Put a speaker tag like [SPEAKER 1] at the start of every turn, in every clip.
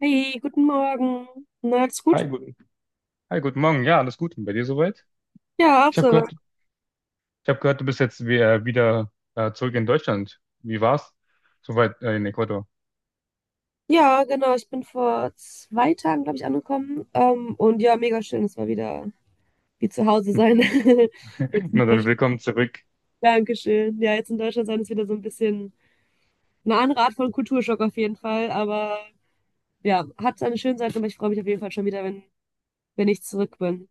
[SPEAKER 1] Hey, guten Morgen. Na, alles gut?
[SPEAKER 2] Hi, guten Morgen. Ja, alles gut. Und bei dir soweit?
[SPEAKER 1] Ja, auch
[SPEAKER 2] Ich habe
[SPEAKER 1] so.
[SPEAKER 2] gehört, ich habe gehört, du bist jetzt wieder, wieder zurück in Deutschland. Wie war's? Soweit in Ecuador.
[SPEAKER 1] Ja, genau. Ich bin vor 2 Tagen, glaube ich, angekommen. Und ja, mega schön. Es war wieder wie zu Hause sein. Jetzt in
[SPEAKER 2] Na dann,
[SPEAKER 1] Deutschland.
[SPEAKER 2] willkommen zurück.
[SPEAKER 1] Dankeschön. Ja, jetzt in Deutschland sein ist wieder so ein bisschen eine andere Art von Kulturschock auf jeden Fall. Aber ja, hat seine schönen Seiten, aber ich freue mich auf jeden Fall schon wieder, wenn ich zurück bin.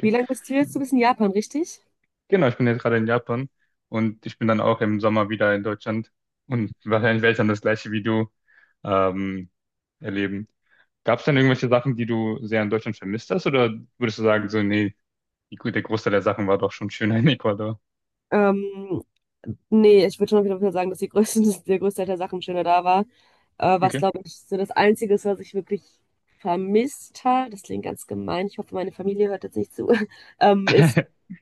[SPEAKER 1] Wie lange bist du jetzt? Du bist in Japan, richtig?
[SPEAKER 2] Genau, ich bin jetzt gerade in Japan und ich bin dann auch im Sommer wieder in Deutschland und wahrscheinlich werde ich dann das gleiche wie du ähm, erleben. Gab es denn irgendwelche Sachen, die du sehr in Deutschland vermisst hast oder würdest du sagen, so, nee, der Großteil der Sachen war doch schon schöner in Ecuador?
[SPEAKER 1] Ähm, Nee, ich würde schon auf jeden Fall sagen, dass die größte, der größte Teil der Sachen schöner da war. Was,
[SPEAKER 2] Okay.
[SPEAKER 1] glaube ich, so das Einzige ist, was ich wirklich vermisst habe, das klingt ganz gemein, ich hoffe, meine Familie hört jetzt nicht zu. Ist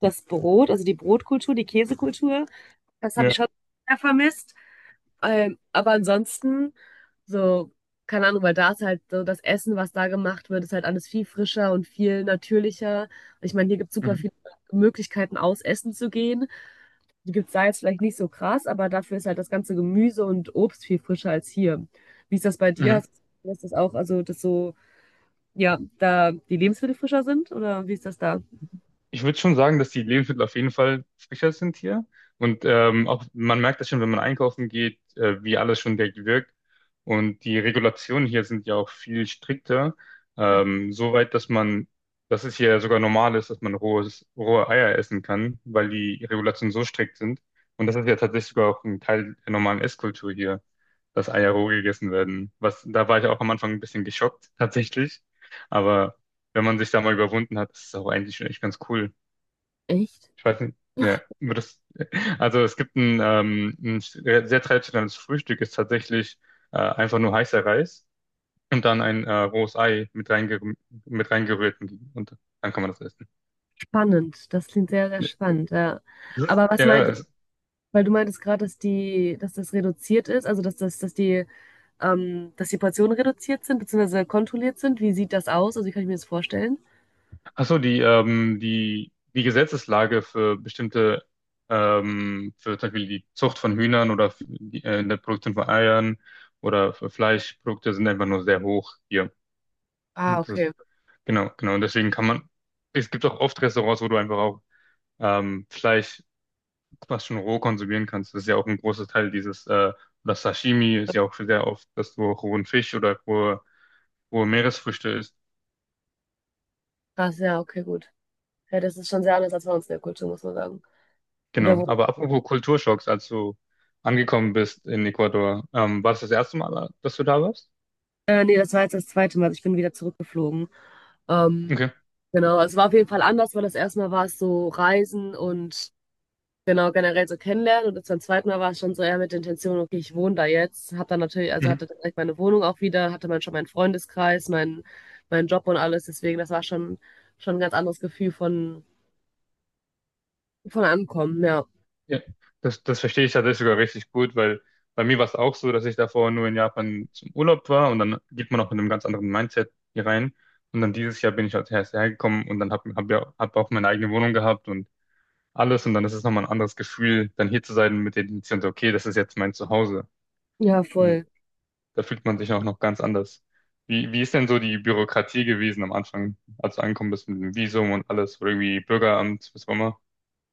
[SPEAKER 1] das Brot, also die Brotkultur, die Käsekultur. Das habe ich
[SPEAKER 2] Ja.
[SPEAKER 1] schon sehr vermisst. Aber ansonsten, so, keine Ahnung, weil da ist halt so das Essen, was da gemacht wird, ist halt alles viel frischer und viel natürlicher. Ich meine, hier gibt es super
[SPEAKER 2] Mhm.
[SPEAKER 1] viele Möglichkeiten, aus Essen zu gehen. Die gibt es da jetzt vielleicht nicht so krass, aber dafür ist halt das ganze Gemüse und Obst viel frischer als hier. Wie ist das bei dir?
[SPEAKER 2] Mhm.
[SPEAKER 1] Hast du das auch, also dass so, ja, da die Lebensmittel frischer sind oder wie ist das da?
[SPEAKER 2] Ich würde schon sagen, dass die Lebensmittel auf jeden Fall frischer sind hier. Und auch man merkt das schon, wenn man einkaufen geht, wie alles schon direkt wirkt. Und die Regulationen hier sind ja auch viel strikter. Soweit, dass es hier sogar normal ist, dass man rohe Eier essen kann, weil die Regulationen so strikt sind. Und das ist ja tatsächlich sogar auch ein Teil der normalen Esskultur hier, dass Eier roh gegessen werden. Was, da war ich auch am Anfang ein bisschen geschockt, tatsächlich. Aber wenn man sich da mal überwunden hat, ist es auch eigentlich schon echt ganz cool.
[SPEAKER 1] Echt
[SPEAKER 2] Ich weiß nicht, ja, aber das, also es gibt ein sehr sehr traditionelles Frühstück, ist tatsächlich einfach nur heißer Reis und dann ein rohes Ei mit reingerührt und dann kann man das essen.
[SPEAKER 1] spannend. Das klingt sehr, sehr
[SPEAKER 2] Ja,
[SPEAKER 1] spannend, ja. Aber was
[SPEAKER 2] ja,
[SPEAKER 1] meintest,
[SPEAKER 2] es-
[SPEAKER 1] weil du meintest gerade, dass die, dass das reduziert ist, also dass das, dass die Portionen reduziert sind, beziehungsweise kontrolliert sind. Wie sieht das aus? Also wie kann ich mir das vorstellen?
[SPEAKER 2] ach so, die Gesetzeslage für für zum Beispiel die Zucht von Hühnern oder für in der Produktion von Eiern oder für Fleischprodukte sind einfach nur sehr hoch hier.
[SPEAKER 1] Ah, okay.
[SPEAKER 2] Genau, genau. Und deswegen es gibt auch oft Restaurants, wo du einfach auch Fleisch fast schon roh konsumieren kannst. Das ist ja auch ein großer Teil oder Sashimi ist ja auch sehr oft, dass du rohen Fisch oder rohe Meeresfrüchte isst.
[SPEAKER 1] Krass, ja, okay, gut. Ja, das ist schon sehr anders als bei uns in der Kultur, muss man sagen. Oder
[SPEAKER 2] Genau.
[SPEAKER 1] wo.
[SPEAKER 2] Aber apropos Kulturschocks, als du angekommen bist in Ecuador, war das das erste Mal, dass du da warst?
[SPEAKER 1] Nee, das war jetzt das zweite Mal. Also ich bin wieder zurückgeflogen. Ähm,
[SPEAKER 2] Okay.
[SPEAKER 1] genau, also es war auf jeden Fall anders, weil das erste Mal war es so Reisen und genau generell so kennenlernen. Und das beim zweiten Mal war es schon so eher mit der Intention, okay, ich wohne da jetzt. Hab dann natürlich, also
[SPEAKER 2] Mhm.
[SPEAKER 1] hatte direkt meine Wohnung auch wieder, hatte man schon meinen Freundeskreis, meinen Job und alles. Deswegen, das war schon ein ganz anderes Gefühl von Ankommen, ja.
[SPEAKER 2] Ja, das verstehe ich tatsächlich sogar richtig gut, weil bei mir war es auch so, dass ich davor nur in Japan zum Urlaub war und dann geht man auch mit einem ganz anderen Mindset hier rein. Und dann dieses Jahr bin ich als erst hergekommen und dann habe hab hab ja hab auch meine eigene Wohnung gehabt und alles. Und dann ist es nochmal ein anderes Gefühl, dann hier zu sein mit der Intention, so, okay, das ist jetzt mein Zuhause.
[SPEAKER 1] Ja,
[SPEAKER 2] Und
[SPEAKER 1] voll.
[SPEAKER 2] da fühlt man sich auch noch ganz anders. Wie ist denn so die Bürokratie gewesen am Anfang, als du angekommen bist mit dem Visum und alles, oder irgendwie Bürgeramt, was auch immer?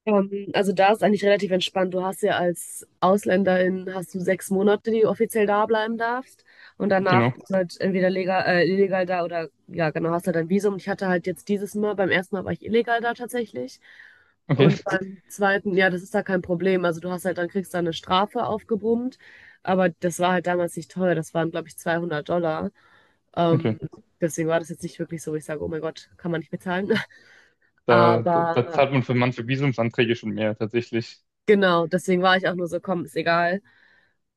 [SPEAKER 1] Also da ist eigentlich relativ entspannt. Du hast ja als Ausländerin hast du 6 Monate, die du offiziell da bleiben darfst. Und danach
[SPEAKER 2] Genau.
[SPEAKER 1] bist du halt entweder legal, illegal da oder ja, genau, hast halt ein Visum. Ich hatte halt jetzt dieses Mal, beim ersten Mal war ich illegal da tatsächlich.
[SPEAKER 2] Okay,
[SPEAKER 1] Und beim zweiten, ja, das ist da kein Problem. Also du hast halt, dann kriegst du eine Strafe aufgebrummt. Aber das war halt damals nicht teuer. Das waren, glaube ich, 200 Dollar. Ähm,
[SPEAKER 2] okay.
[SPEAKER 1] Deswegen war das jetzt nicht wirklich so, wo ich sage, oh mein Gott, kann man nicht bezahlen.
[SPEAKER 2] Da zahlt
[SPEAKER 1] Aber
[SPEAKER 2] man für manche Visumsanträge schon mehr, tatsächlich.
[SPEAKER 1] genau, deswegen war ich auch nur so, komm, ist egal.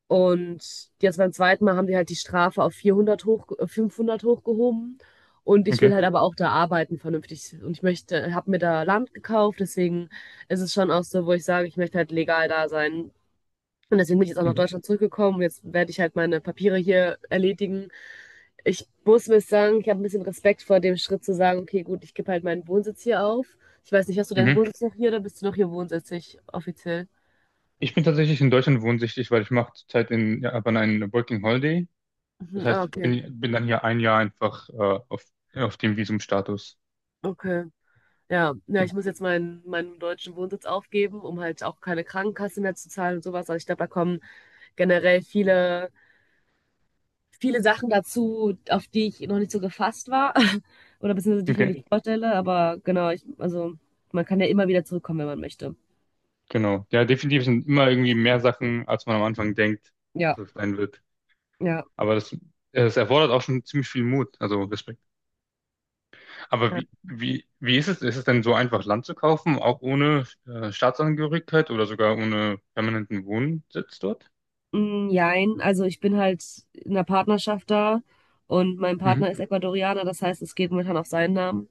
[SPEAKER 1] Und jetzt beim zweiten Mal haben die halt die Strafe auf 400 hoch, 500 hochgehoben. Und ich will
[SPEAKER 2] Okay.
[SPEAKER 1] halt aber auch da arbeiten vernünftig. Und ich möchte, habe mir da Land gekauft, deswegen ist es schon auch so, wo ich sage, ich möchte halt legal da sein. Und deswegen bin ich jetzt auch nach
[SPEAKER 2] Mhm.
[SPEAKER 1] Deutschland zurückgekommen. Jetzt werde ich halt meine Papiere hier erledigen. Ich muss mir sagen, ich habe ein bisschen Respekt vor dem Schritt zu sagen, okay, gut, ich gebe halt meinen Wohnsitz hier auf. Ich weiß nicht, hast du deinen
[SPEAKER 2] Mhm.
[SPEAKER 1] Wohnsitz noch hier oder bist du noch hier wohnsitzig offiziell?
[SPEAKER 2] Ich bin tatsächlich in Deutschland wohnsichtig, weil ich mache zurzeit in Japan einen Working Holiday. Das
[SPEAKER 1] Mhm, ah,
[SPEAKER 2] heißt,
[SPEAKER 1] okay.
[SPEAKER 2] bin dann hier ein Jahr einfach auf, auf dem Visumstatus.
[SPEAKER 1] Okay. Ja, ja, ich muss jetzt meinen deutschen Wohnsitz aufgeben, um halt auch keine Krankenkasse mehr zu zahlen und sowas. Also ich glaube, da kommen generell viele, viele Sachen dazu, auf die ich noch nicht so gefasst war. Oder beziehungsweise die ich mir
[SPEAKER 2] Okay,
[SPEAKER 1] nicht vorstelle. Aber genau, ich, also man kann ja immer wieder zurückkommen, wenn man möchte.
[SPEAKER 2] genau. Ja, definitiv sind immer irgendwie mehr Sachen, als man am Anfang denkt,
[SPEAKER 1] Ja,
[SPEAKER 2] dass es sein wird.
[SPEAKER 1] ja.
[SPEAKER 2] Aber das, es erfordert auch schon ziemlich viel Mut. Also Respekt. Aber
[SPEAKER 1] Ja.
[SPEAKER 2] wie ist es? Ist es denn so einfach, Land zu kaufen, auch ohne Staatsangehörigkeit oder sogar ohne permanenten Wohnsitz dort?
[SPEAKER 1] Mm, jein, also ich bin halt in einer Partnerschaft da und mein Partner
[SPEAKER 2] Mhm.
[SPEAKER 1] ist Ecuadorianer, das heißt, es geht momentan auf seinen Namen.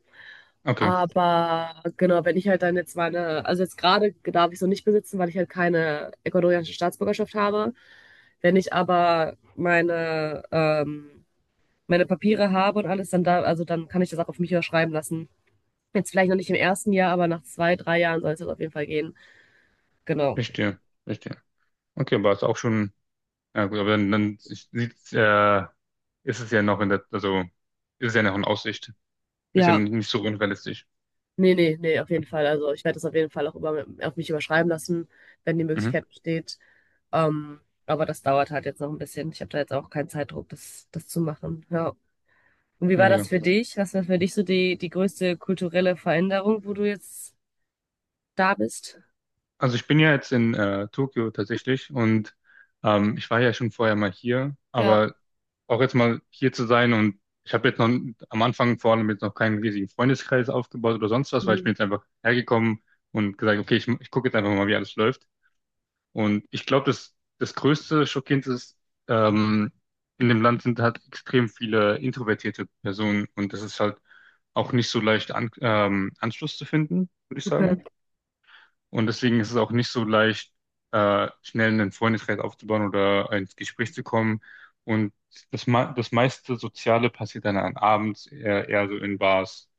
[SPEAKER 2] Okay,
[SPEAKER 1] Aber genau, wenn ich halt dann jetzt meine, also jetzt gerade darf ich es noch nicht besitzen, weil ich halt keine ecuadorianische Staatsbürgerschaft habe. Wenn ich aber meine, meine Papiere habe und alles, dann da, also dann kann ich das auch auf mich überschreiben lassen. Jetzt vielleicht noch nicht im ersten Jahr, aber nach zwei, drei Jahren soll es das auf jeden Fall gehen. Genau.
[SPEAKER 2] verstehe, verstehe. Okay, aber ist auch schon, ja gut, aber dann, dann sieht's, ist es ja noch in der, also ist es ja noch in Aussicht. Ist ja
[SPEAKER 1] Ja,
[SPEAKER 2] nicht so unrealistisch.
[SPEAKER 1] nee, nee, nee, auf jeden Fall. Also ich werde das auf jeden Fall auch über, auf mich überschreiben lassen, wenn die
[SPEAKER 2] Mhm.
[SPEAKER 1] Möglichkeit besteht. Ähm, aber das dauert halt jetzt noch ein bisschen. Ich habe da jetzt auch keinen Zeitdruck, das zu machen. Ja. Und wie war das
[SPEAKER 2] Mega.
[SPEAKER 1] für dich? Was war für dich so die größte kulturelle Veränderung, wo du jetzt da bist?
[SPEAKER 2] Also ich bin ja jetzt in Tokio tatsächlich und ich war ja schon vorher mal hier,
[SPEAKER 1] Ja,
[SPEAKER 2] aber auch jetzt mal hier zu sein und ich habe jetzt noch am Anfang vor allem jetzt noch keinen riesigen Freundeskreis aufgebaut oder sonst was, weil ich
[SPEAKER 1] mhm.
[SPEAKER 2] bin jetzt einfach hergekommen und gesagt, okay, ich gucke jetzt einfach mal, wie alles läuft. Und ich glaube, das größte Schockierende ist, ähm, in dem Land sind halt extrem viele introvertierte Personen und das ist halt auch nicht so leicht Anschluss zu finden, würde ich sagen.
[SPEAKER 1] Okay.
[SPEAKER 2] Und deswegen ist es auch nicht so leicht, schnell einen Freundeskreis aufzubauen oder ins Gespräch zu kommen. Und das meiste Soziale passiert dann an abends eher so in Bars.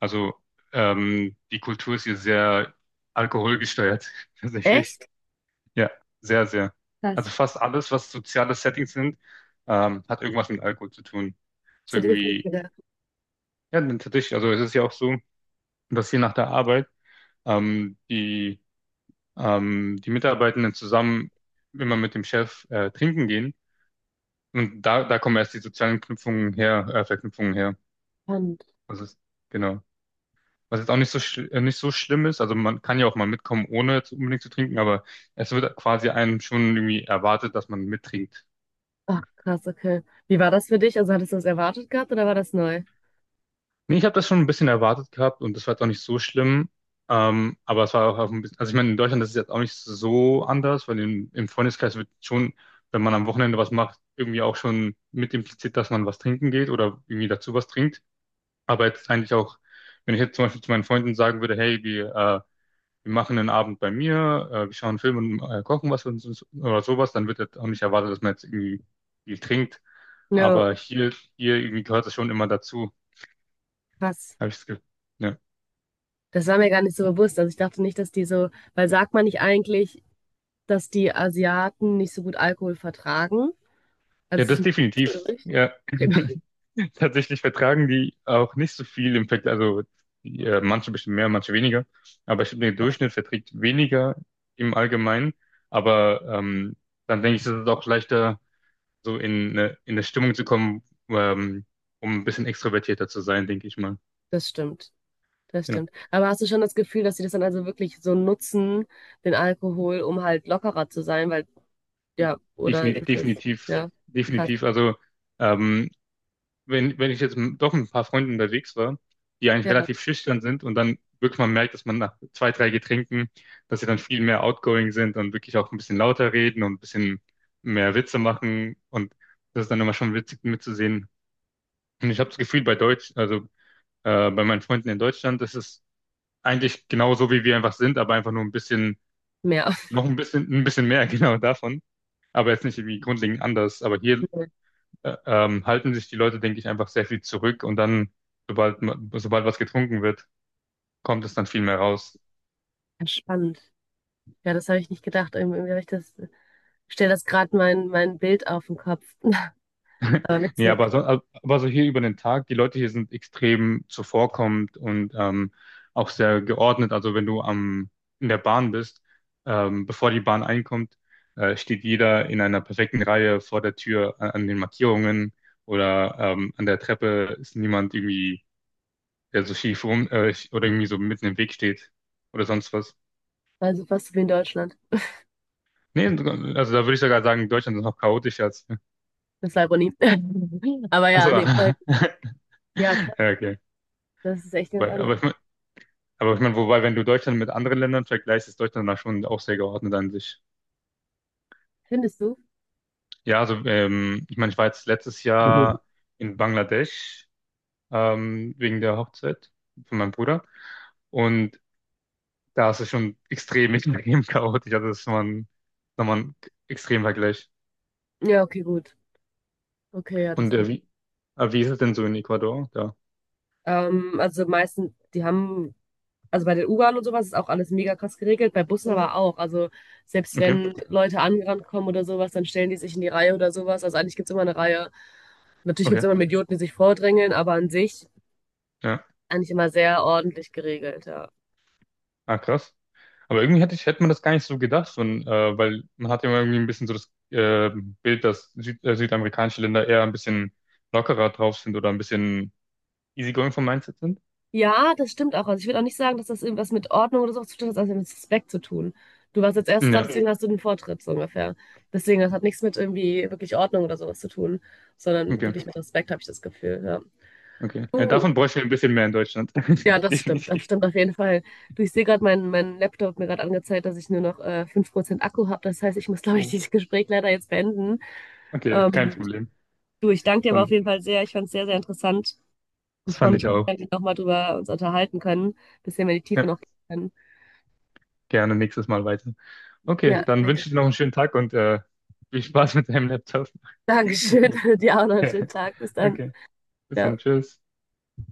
[SPEAKER 2] Also die Kultur ist hier sehr alkoholgesteuert, tatsächlich.
[SPEAKER 1] Echt?
[SPEAKER 2] Ja, sehr. Also
[SPEAKER 1] Krass.
[SPEAKER 2] fast alles, was soziale Settings sind, hat irgendwas mit Alkohol zu tun.
[SPEAKER 1] Das
[SPEAKER 2] Ist
[SPEAKER 1] hätte ich jetzt nicht
[SPEAKER 2] irgendwie,
[SPEAKER 1] gedacht.
[SPEAKER 2] ja, tatsächlich, also es ist ja auch so, dass hier nach der Arbeit ähm, die die Mitarbeitenden zusammen immer mit dem Chef trinken gehen. Und da kommen erst die sozialen Verknüpfungen her.
[SPEAKER 1] Spannend.
[SPEAKER 2] Das ist, genau. Was jetzt auch nicht so, nicht so schlimm ist. Also man kann ja auch mal mitkommen, ohne jetzt unbedingt zu trinken, aber es wird quasi einem schon irgendwie erwartet, dass man mittrinkt.
[SPEAKER 1] Ach, krass, okay. Wie war das für dich? Also hattest du das erwartet gehabt oder war das neu?
[SPEAKER 2] Nee, ich habe das schon ein bisschen erwartet gehabt und das war jetzt auch nicht so schlimm. Aber es war auch auf ein bisschen, also ich meine, in Deutschland das ist es jetzt auch nicht so anders, im Freundeskreis wird schon, wenn man am Wochenende was macht, irgendwie auch schon mit impliziert, dass man was trinken geht oder irgendwie dazu was trinkt. Aber jetzt eigentlich auch, wenn ich jetzt zum Beispiel zu meinen Freunden sagen würde, hey, wir machen einen Abend bei mir, wir schauen einen Film und kochen was und so, oder sowas, dann wird jetzt auch nicht erwartet, dass man jetzt irgendwie viel trinkt.
[SPEAKER 1] Ja,
[SPEAKER 2] Aber hier irgendwie gehört das schon immer dazu,
[SPEAKER 1] krass.
[SPEAKER 2] habe ich das Gefühl. Ja.
[SPEAKER 1] Das war mir gar nicht so bewusst. Also ich dachte nicht, dass die so, weil sagt man nicht eigentlich, dass die Asiaten nicht so gut Alkohol vertragen? Also
[SPEAKER 2] Ja,
[SPEAKER 1] es ist
[SPEAKER 2] das
[SPEAKER 1] nicht so
[SPEAKER 2] definitiv.
[SPEAKER 1] richtig.
[SPEAKER 2] Ja.
[SPEAKER 1] Okay.
[SPEAKER 2] Tatsächlich vertragen die auch nicht so viel im Vergleich. Also manche bestimmt mehr, manche weniger. Aber ich glaube, der Durchschnitt verträgt weniger im Allgemeinen. Aber dann denke ich, ist es auch leichter, so in eine Stimmung zu kommen, ähm, um ein bisschen extrovertierter zu sein, denke ich mal.
[SPEAKER 1] Das stimmt. Das
[SPEAKER 2] Genau.
[SPEAKER 1] stimmt. Aber hast du schon das Gefühl, dass sie das dann also wirklich so nutzen, den Alkohol, um halt lockerer zu sein? Weil, ja, oder
[SPEAKER 2] Defini
[SPEAKER 1] ist das,
[SPEAKER 2] definitiv,
[SPEAKER 1] ja, krass.
[SPEAKER 2] definitiv. Also ähm, wenn ich jetzt doch mit ein paar Freunden unterwegs war, die eigentlich
[SPEAKER 1] Ja,
[SPEAKER 2] relativ schüchtern sind und dann wirklich mal merkt, dass man nach zwei, drei Getränken, dass sie dann viel mehr outgoing sind und wirklich auch ein bisschen lauter reden und ein bisschen mehr Witze machen und das ist dann immer schon witzig mitzusehen. Und ich habe das Gefühl bei meinen Freunden in Deutschland, das ist eigentlich genauso, wie wir einfach sind, aber einfach nur ein bisschen,
[SPEAKER 1] mehr.
[SPEAKER 2] ein bisschen mehr genau davon. Aber jetzt nicht irgendwie grundlegend anders. Aber hier halten sich die Leute, denke ich, einfach sehr viel zurück und dann, sobald was getrunken wird, kommt es dann viel mehr raus.
[SPEAKER 1] Ja, spannend. Ja, das habe ich nicht gedacht. Irgendwie habe ich das, ich stelle das gerade mein Bild auf den Kopf. Aber
[SPEAKER 2] Nee,
[SPEAKER 1] witzig.
[SPEAKER 2] aber so hier über den Tag, die Leute hier sind extrem zuvorkommend und auch sehr geordnet. Also wenn du in der Bahn bist, bevor die Bahn einkommt, steht jeder in einer perfekten Reihe vor der Tür an, an den Markierungen oder an der Treppe ist niemand irgendwie, der so schief rum oder irgendwie so mitten im Weg steht oder sonst was.
[SPEAKER 1] Also fast so wie in Deutschland.
[SPEAKER 2] Nee, also da würde ich sogar sagen, Deutschland ist noch chaotischer als.
[SPEAKER 1] Das ist Ironie. Aber
[SPEAKER 2] Achso.
[SPEAKER 1] ja, nee, voll. Ja, krass.
[SPEAKER 2] Ja, okay.
[SPEAKER 1] Das ist echt ganz anders.
[SPEAKER 2] Aber ich mein, wobei, wenn du Deutschland mit anderen Ländern vergleichst, ist Deutschland da schon auch sehr geordnet an sich.
[SPEAKER 1] Findest du?
[SPEAKER 2] Ja, also ich meine, ich war jetzt letztes
[SPEAKER 1] Mhm.
[SPEAKER 2] Jahr in Bangladesch wegen der Hochzeit von meinem Bruder. Und da ist es schon extrem, extrem chaotisch. Also das ist nochmal ein extrem Vergleich.
[SPEAKER 1] Ja, okay, gut. Okay, ja, das
[SPEAKER 2] Und
[SPEAKER 1] kann.
[SPEAKER 2] wie ist es denn so in Ecuador? Da.
[SPEAKER 1] Also meistens, die haben also bei den U-Bahnen und sowas ist auch alles mega krass geregelt, bei Bussen, mhm, aber auch. Also selbst
[SPEAKER 2] Okay,
[SPEAKER 1] wenn Leute angerannt kommen oder sowas, dann stellen die sich in die Reihe oder sowas. Also eigentlich gibt's immer eine Reihe. Natürlich gibt's
[SPEAKER 2] okay.
[SPEAKER 1] immer Idioten, die sich vordrängeln, aber an sich
[SPEAKER 2] Ja.
[SPEAKER 1] eigentlich immer sehr ordentlich geregelt, ja.
[SPEAKER 2] Ah, krass. Aber irgendwie hätte hätte man das gar nicht so gedacht, und, weil man hat ja immer irgendwie ein bisschen so das Bild, dass südamerikanische Länder eher ein bisschen lockerer drauf sind oder ein bisschen easygoing vom Mindset sind.
[SPEAKER 1] Ja, das stimmt auch. Also ich würde auch nicht sagen, dass das irgendwas mit Ordnung oder sowas zu tun hat, sondern mit Respekt zu tun. Du warst als erstes da,
[SPEAKER 2] Ja,
[SPEAKER 1] deswegen, mhm, hast du den Vortritt, so ungefähr. Deswegen, das hat nichts mit irgendwie wirklich Ordnung oder sowas zu tun, sondern
[SPEAKER 2] okay,
[SPEAKER 1] wirklich mit Respekt, habe ich das Gefühl, ja.
[SPEAKER 2] okay. Ja,
[SPEAKER 1] Du,
[SPEAKER 2] davon bräuchten wir ein bisschen mehr in Deutschland.
[SPEAKER 1] ja, das stimmt. Das
[SPEAKER 2] Definitiv.
[SPEAKER 1] stimmt auf jeden Fall. Du, ich sehe gerade, mein Laptop hat mir gerade angezeigt, dass ich nur noch 5% Akku habe. Das heißt, ich muss, glaube ich,
[SPEAKER 2] Oh,
[SPEAKER 1] dieses Gespräch leider jetzt beenden.
[SPEAKER 2] okay, kein
[SPEAKER 1] Ähm,
[SPEAKER 2] Problem.
[SPEAKER 1] du, ich danke dir aber auf
[SPEAKER 2] Dann,
[SPEAKER 1] jeden Fall sehr. Ich fand es sehr, sehr interessant und
[SPEAKER 2] das
[SPEAKER 1] freue
[SPEAKER 2] fand
[SPEAKER 1] mich,
[SPEAKER 2] ich auch.
[SPEAKER 1] wenn wir nochmal drüber uns unterhalten können, bisschen mehr in die Tiefe
[SPEAKER 2] Ja,
[SPEAKER 1] noch gehen können.
[SPEAKER 2] gerne nächstes Mal weiter. Okay,
[SPEAKER 1] Ja,
[SPEAKER 2] dann
[SPEAKER 1] sehr
[SPEAKER 2] wünsche
[SPEAKER 1] gerne.
[SPEAKER 2] ich dir noch einen schönen Tag und viel Spaß mit deinem Laptop.
[SPEAKER 1] Dankeschön. Dir auch noch einen schönen
[SPEAKER 2] Okay,
[SPEAKER 1] Tag. Bis dann.
[SPEAKER 2] okay. Bis
[SPEAKER 1] Ciao.
[SPEAKER 2] dann, tschüss.